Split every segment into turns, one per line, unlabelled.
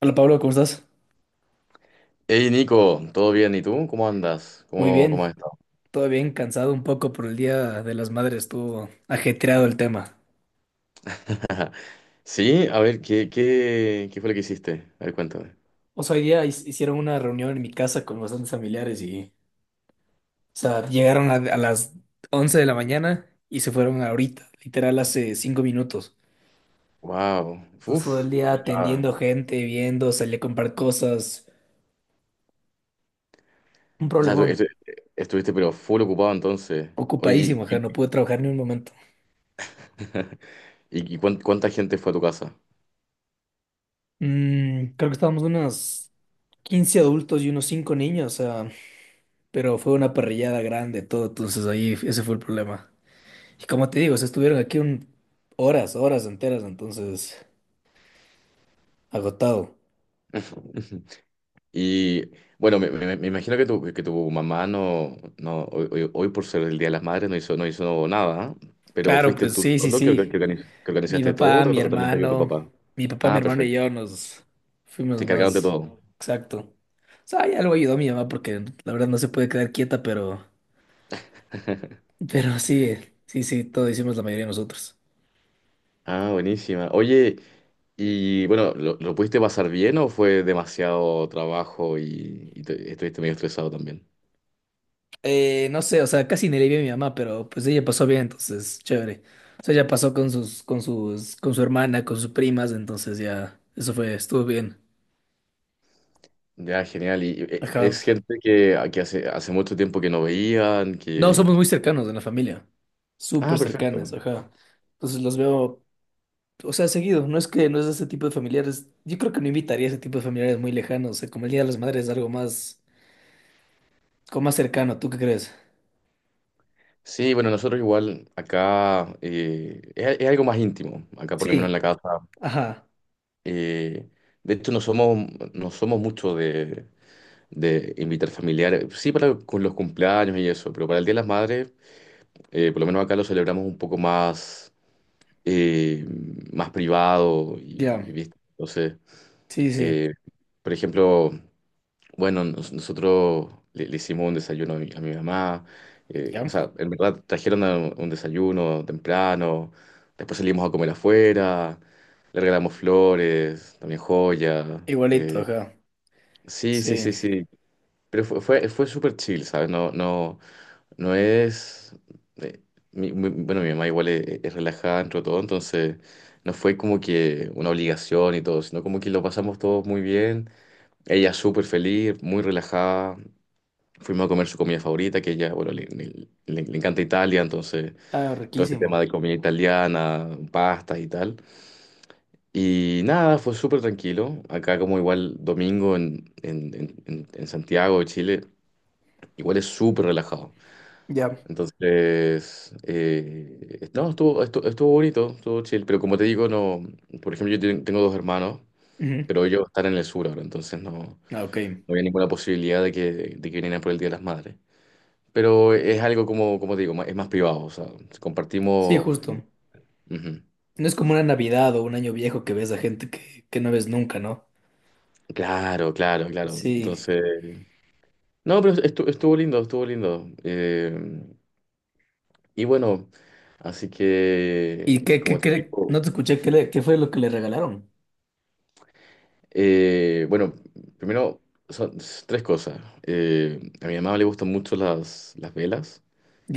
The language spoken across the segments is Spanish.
Hola Pablo, ¿cómo estás?
Hey Nico, ¿todo bien? ¿Y tú? ¿Cómo andas?
Muy
¿Cómo
bien,
has estado?
todo bien, cansado un poco por el Día de las Madres, estuvo ajetreado el tema.
Sí, a ver, ¿qué fue lo que hiciste? A ver, cuéntame.
O sea, hoy día hicieron una reunión en mi casa con bastantes familiares y, o sea, llegaron a las 11 de la mañana y se fueron ahorita, literal hace 5 minutos.
Wow.
Entonces, todo el
uf,
día atendiendo gente, viendo, salí a comprar cosas, un
o sea, Tú
problemón.
estuviste pero full ocupado entonces. Oye,
Ocupadísimo, ajá, no
y-
pude trabajar ni un momento.
¿Cuánta gente fue a tu casa?
Mm, creo que estábamos unos 15 adultos y unos 5 niños, o sea. Pero fue una parrillada grande, todo, entonces ahí ese fue el problema. Y como te digo, se estuvieron aquí un, horas, horas enteras, entonces agotado.
Y bueno, me imagino que que tu mamá no, no hoy, hoy- hoy, por ser el Día de las Madres, no hizo nada, ¿eh? Pero
Claro,
fuiste
pues
tú
sí, sí,
solo que
sí. Mi
organizaste todo,
papá, mi
o también te ayudó tu
hermano,
papá.
mi papá, mi
Ah,
hermano y
perfecto.
yo nos
Se
fuimos
encargaron de
más
todo.
exacto. O sea, ya lo ayudó mi mamá porque la verdad no se puede quedar quieta, pero sí, sí, sí, todo hicimos la mayoría de nosotros.
Ah, buenísima. Oye, y bueno, lo pudiste pasar bien o fue demasiado trabajo y estuviste medio estresado también?
No sé, o sea, casi ni le vi a mi mamá, pero pues ella pasó bien, entonces, chévere. O sea, ella pasó con su hermana, con sus primas, entonces ya, eso fue, estuvo bien.
Ya, genial.
Ajá.
Es gente que hace mucho tiempo que no veían,
No, somos muy
que-
cercanos en la familia. Súper
Ah, perfecto.
cercanas, ajá. Entonces los veo, o sea, seguido. No es ese tipo de familiares. Yo creo que no invitaría a ese tipo de familiares muy lejanos. O sea, como el Día de las Madres es algo más, como más cercano, ¿tú qué crees?
Sí, bueno, nosotros igual acá, es algo más íntimo, acá por lo menos en la
Sí,
casa.
ajá.
Eh, de hecho, no somos, No somos mucho de invitar familiares, sí para con los cumpleaños y eso, pero para el Día de las Madres, por lo menos acá lo celebramos un poco más, eh, más privado y,
Ya.
y ¿viste? Entonces,
Sí, sí.
eh, por ejemplo, bueno, le hicimos un desayuno a a mi mamá.
Ya.
En verdad trajeron un desayuno temprano. Después salimos a comer afuera. Le regalamos flores, también joyas.
Igualito,
eh,
ajá.
sí, sí,
Sí.
sí, sí. Pero fue, fue, fue súper chill, ¿sabes? No, no, no es. Eh, mi- mi- Bueno, mi mamá igual es relajada dentro de todo, entonces no fue como que una obligación y todo, sino como que lo pasamos todos muy bien. Ella súper feliz, muy relajada. Fuimos a comer su comida favorita, que ella, bueno, le encanta Italia, entonces
Ah,
todo este tema
riquísimo.
de comida italiana, pastas y tal. Y nada, fue súper tranquilo. Acá como igual domingo en Santiago de Chile, igual es súper relajado.
Ya.
Entonces, no, estuvo, estu- estuvo bonito, estuvo chill, pero como te digo, no, por ejemplo, yo tengo dos hermanos,
Ujú.
pero ellos están en el sur ahora, entonces no
Ah, ok.
había ninguna posibilidad de que vinieran por el Día de las Madres. Pero es algo, como como te digo, es más privado, o sea,
Sí,
compartimos...
justo.
el- Ujú.
No es como una Navidad o un año viejo que ves a gente que no ves nunca, ¿no?
Claro, claro, claro.
Sí.
Entonces, no, pero estuvo lindo, estuvo lindo. Y bueno, así
¿Y
que,
qué,
como
qué,
te
qué?
digo,
No te escuché, ¿qué, qué fue lo que le regalaron?
bueno, primero son tres cosas. A mi mamá le gustan mucho las velas,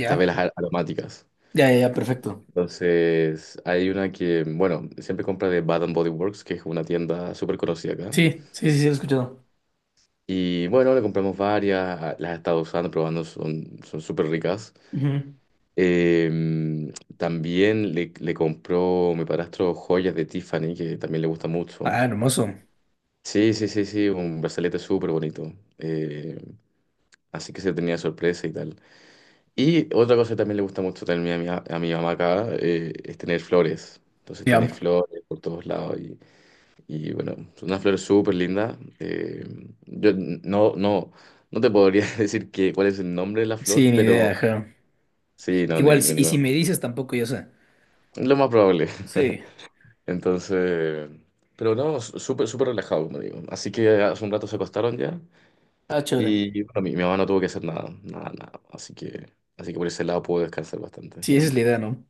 estas velas aromáticas.
Ya, ya, ya, perfecto.
Entonces, hay una que, bueno, siempre compra de Bath and Body Works, que es una tienda súper conocida acá.
Sí, sí, sí, sí, lo he escuchado.
Y bueno, le compramos varias, las he estado usando, probando, son, son súper ricas.
Ujú.
Em, Le compró mi padrastro joyas de Tiffany, que también le gusta mucho.
Ah, hermoso.
Sí, sí, sí, sí, un brazalete súper bonito. Así que se tenía sorpresa y tal. Y otra cosa que también le gusta mucho también a a mi mamá acá, es tener flores. Entonces tiene
Ya.
flores por todos lados. Y bueno, es una flor súper linda. Yo no, no, no te podría decir que, cuál es el nombre de la flor,
Sí, ni idea,
pero
ajá.
sí, no,
Igual, y
ninguna.
si me dices, tampoco yo sé.
Es lo más probable.
Sí.
Entonces, pero no, súper, súper relajado, como digo. Así que hace un rato se acostaron ya,
Ah, chévere.
y bueno, mi mamá no tuvo que hacer nada, nada, nada. Así que por ese lado puedo descansar bastante,
Sí, esa
menos
es la
mal.
idea, ¿no?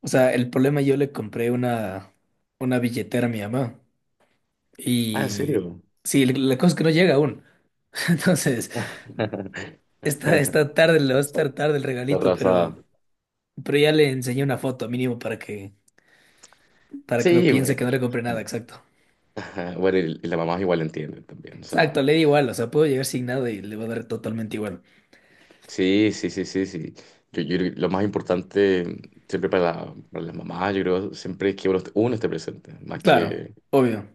O sea, el problema yo le compré una billetera a mi mamá.
Ah, ¿en
Y
serio?
sí, la cosa es que no llega aún. Entonces, está, está tarde, le va a
Está
estar tarde el regalito,
arrasada.
pero ya le enseñé una foto mínimo para que no
Sí,
piense que
bueno.
no le compré nada, exacto.
Ajá. Bueno, y la mamá igual entiende también, o sea.
Exacto, le da igual, o sea, puedo llegar sin nada y le va a dar totalmente igual.
Sí, sí, sí, sí, sí. Yo creo que lo más importante siempre para las mamás, yo creo, siempre es que uno esté presente,
Claro, obvio.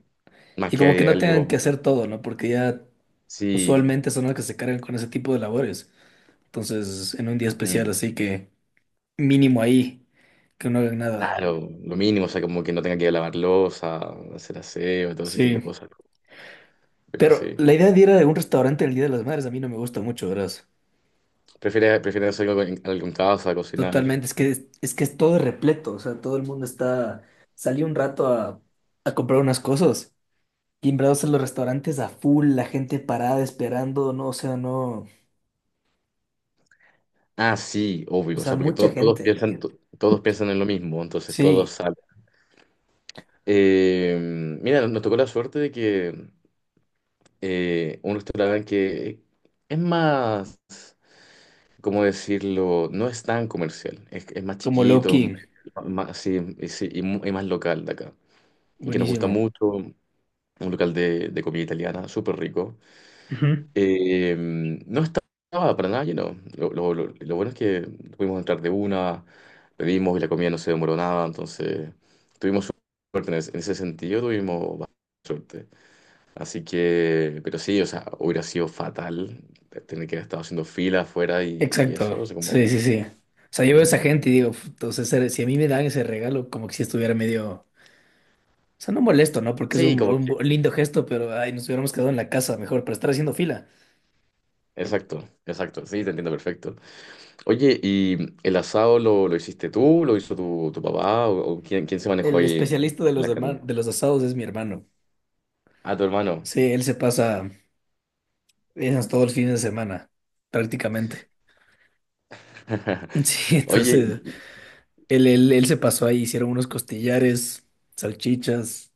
más
Y
que
como que
haya
no tengan que
algo,
hacer todo, ¿no? Porque ya
sí,
usualmente son los que se cargan con ese tipo de labores. Entonces, en un día especial,
mm,
así que mínimo ahí, que no hagan nada.
claro, lo mínimo, o sea, como que no tenga que lavar losa, hacer aseo, todo ese tipo de
Sí.
cosas. Pero
Pero
sí,
la idea de ir a algún restaurante el Día de las Madres a mí no me gusta mucho, ¿verdad?
prefiere, prefiere hacer algo en, algo en casa, cocinar.
Totalmente, es que es, que es todo repleto, o sea, todo el mundo está, salí un rato a comprar unas cosas, timbrados en los restaurantes a full, la gente parada esperando, no, o sea, no,
Ah, sí,
o
obvio, o
sea,
sea, porque
mucha gente.
todos piensan en lo mismo, entonces todos
Sí,
salen. Eh, mira, nos tocó la suerte de que, un restaurante que es más, ¿cómo decirlo? No es tan comercial, es más
como
chiquito,
Loki,
más, sí, y sí, y más local de acá. Y que nos gusta
buenísimo.
mucho, un local de comida italiana, súper rico.
Ujú.
No estaba para nada lleno. Lo bueno es que pudimos entrar de una, pedimos y la comida no se demoró nada, entonces tuvimos suerte en ese sentido, tuvimos bastante suerte. Así que, pero sí, o sea, hubiera sido fatal tener que haber estado haciendo fila afuera y eso,
Exacto,
o sea, como...
sí, sí, sí. O sea, yo veo a esa
Ujú.
gente y digo, entonces, si a mí me dan ese regalo, como que si estuviera medio, o sea, no molesto, ¿no? Porque es
Sí, como que...
un lindo gesto, pero, ay, nos hubiéramos quedado en la casa mejor, para estar haciendo fila.
Exacto, exacto, sí, te entiendo perfecto. Oye, ¿y el asado lo hiciste tú? ¿Lo hizo tu papá? O quién, quién se manejó
El
ahí en
especialista de los,
la carne?
de los asados es mi hermano.
Ah, tu hermano.
Sí, él se pasa esas todos los fines de semana, prácticamente. Sí,
Oye,
entonces
y-
él se pasó ahí, hicieron unos costillares, salchichas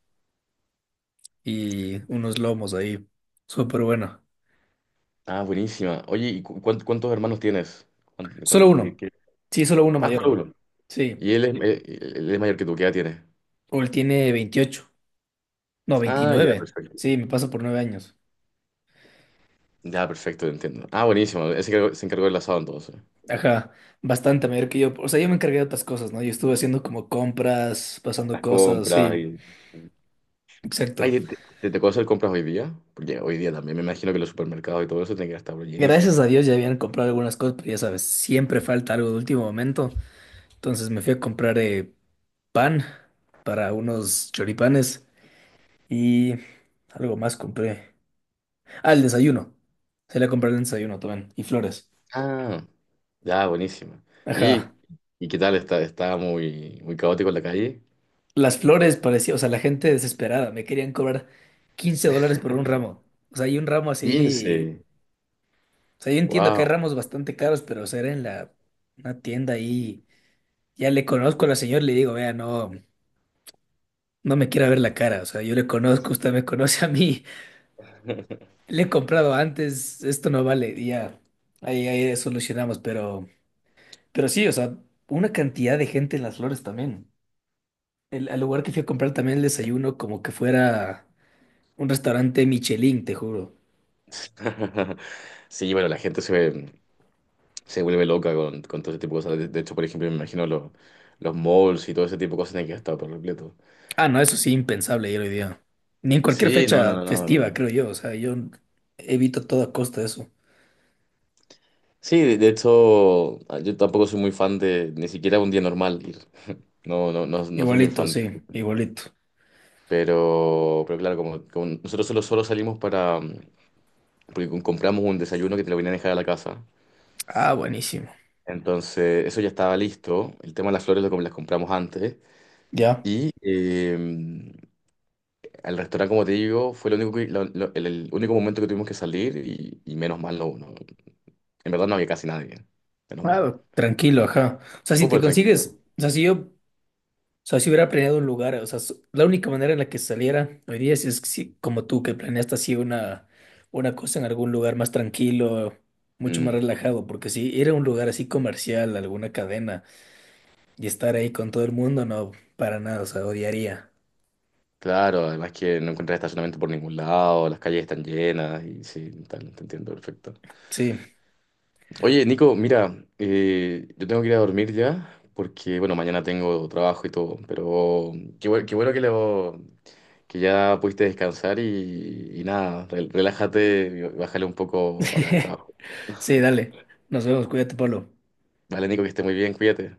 y unos lomos ahí. Súper bueno.
ah, buenísima. Oye, ¿y cuántos hermanos tienes? ¿Cuán- cuán-
Solo
de
uno.
qué?
Sí, solo uno
Ah,
mayor.
solo uno.
Sí.
Y él es mayor que tú, ¿qué edad tiene?
O él tiene 28. No,
Ah, ya,
29.
perfecto.
Sí, me pasa por 9 años.
Ya, perfecto, te entiendo. Ah, buenísimo. Ese se encargó del asado entonces.
Ajá, bastante mayor que yo. O sea, yo me encargué de otras cosas, ¿no? Yo estuve haciendo como compras, pasando
Las
cosas,
compras
sí.
y...
Exacto.
Ay, te tocó hacer compras hoy día? Porque hoy día también me imagino que los supermercados y todo eso tienen que estar
Gracias
llenísimo.
a Dios ya habían comprado algunas cosas, pero ya sabes, siempre falta algo de último momento. Entonces me fui a comprar pan para unos choripanes y algo más compré. Ah, el desayuno. Se le compré el desayuno también. Y flores.
Ah, ya, buenísimo. ¿Y,
Ajá.
y qué tal? ¿Está, está muy, muy caótico en la calle?
Las flores parecía, o sea, la gente desesperada. Me querían cobrar $15 por un ramo. O sea, hay un ramo
15.
así. O sea, yo entiendo que hay
Wow.
ramos bastante caros, pero o sea, era en la una tienda ahí. Ya le conozco a la señora, le digo, vea, no. No me quiere ver la cara, o sea, yo le conozco, usted me conoce a mí, le he comprado antes, esto no vale, y ya, ahí, ahí solucionamos, pero sí, o sea, una cantidad de gente en Las Flores también. El, al lugar que fui a comprar también el desayuno, como que fuera un restaurante Michelin, te juro.
Sí, bueno, la gente se vuelve loca con todo ese tipo de cosas. De hecho, por ejemplo, me imagino los malls y todo ese tipo de cosas tienen que estar por completo.
Ah, no, eso sí, impensable ayer hoy día. Ni en cualquier
Sí, no, no,
fecha
no, no,
festiva,
no.
creo yo, o sea, yo evito a toda costa eso.
Sí, de hecho, ah, yo tampoco soy muy fan de ni siquiera un día normal ir. No, no, no, no soy muy
Igualito,
fan de.
sí, igualito.
Pero claro, como, como nosotros solo salimos para. Mm. Porque compramos un desayuno que te lo venían a dejar a la casa.
Ah, buenísimo.
Entonces, eso ya estaba listo. El tema de las flores lo, las compramos antes.
Ya.
Y al restaurante, como te digo, fue lo único que- el único momento que tuvimos que salir y menos mal no, no- En verdad no había casi nadie. Menos mal.
Ah, tranquilo, ajá. O sea, si te
Súper tranquilo.
consigues, o sea, si yo, o sea, si hubiera planeado un lugar, o sea, la única manera en la que saliera hoy día es que si, como tú, que planeaste así una cosa en algún lugar más tranquilo, mucho más
Mm.
relajado, porque si ir a un lugar así comercial, alguna cadena, y estar ahí con todo el mundo, no, para nada, o sea, odiaría.
Claro, además que no encontrás estacionamiento por ningún lado, las calles están llenas y sí, tal, te entiendo perfecto.
Sí.
Oye, Nico, mira, yo tengo que ir a dormir ya porque, bueno, mañana tengo trabajo y todo, pero qué, qué bueno que, que ya pudiste descansar y nada, relájate y bájale un poco ahora el trabajo.
Sí, dale. Nos vemos, cuídate, Pablo.
Vale, Nico, que esté muy bien, cuídate.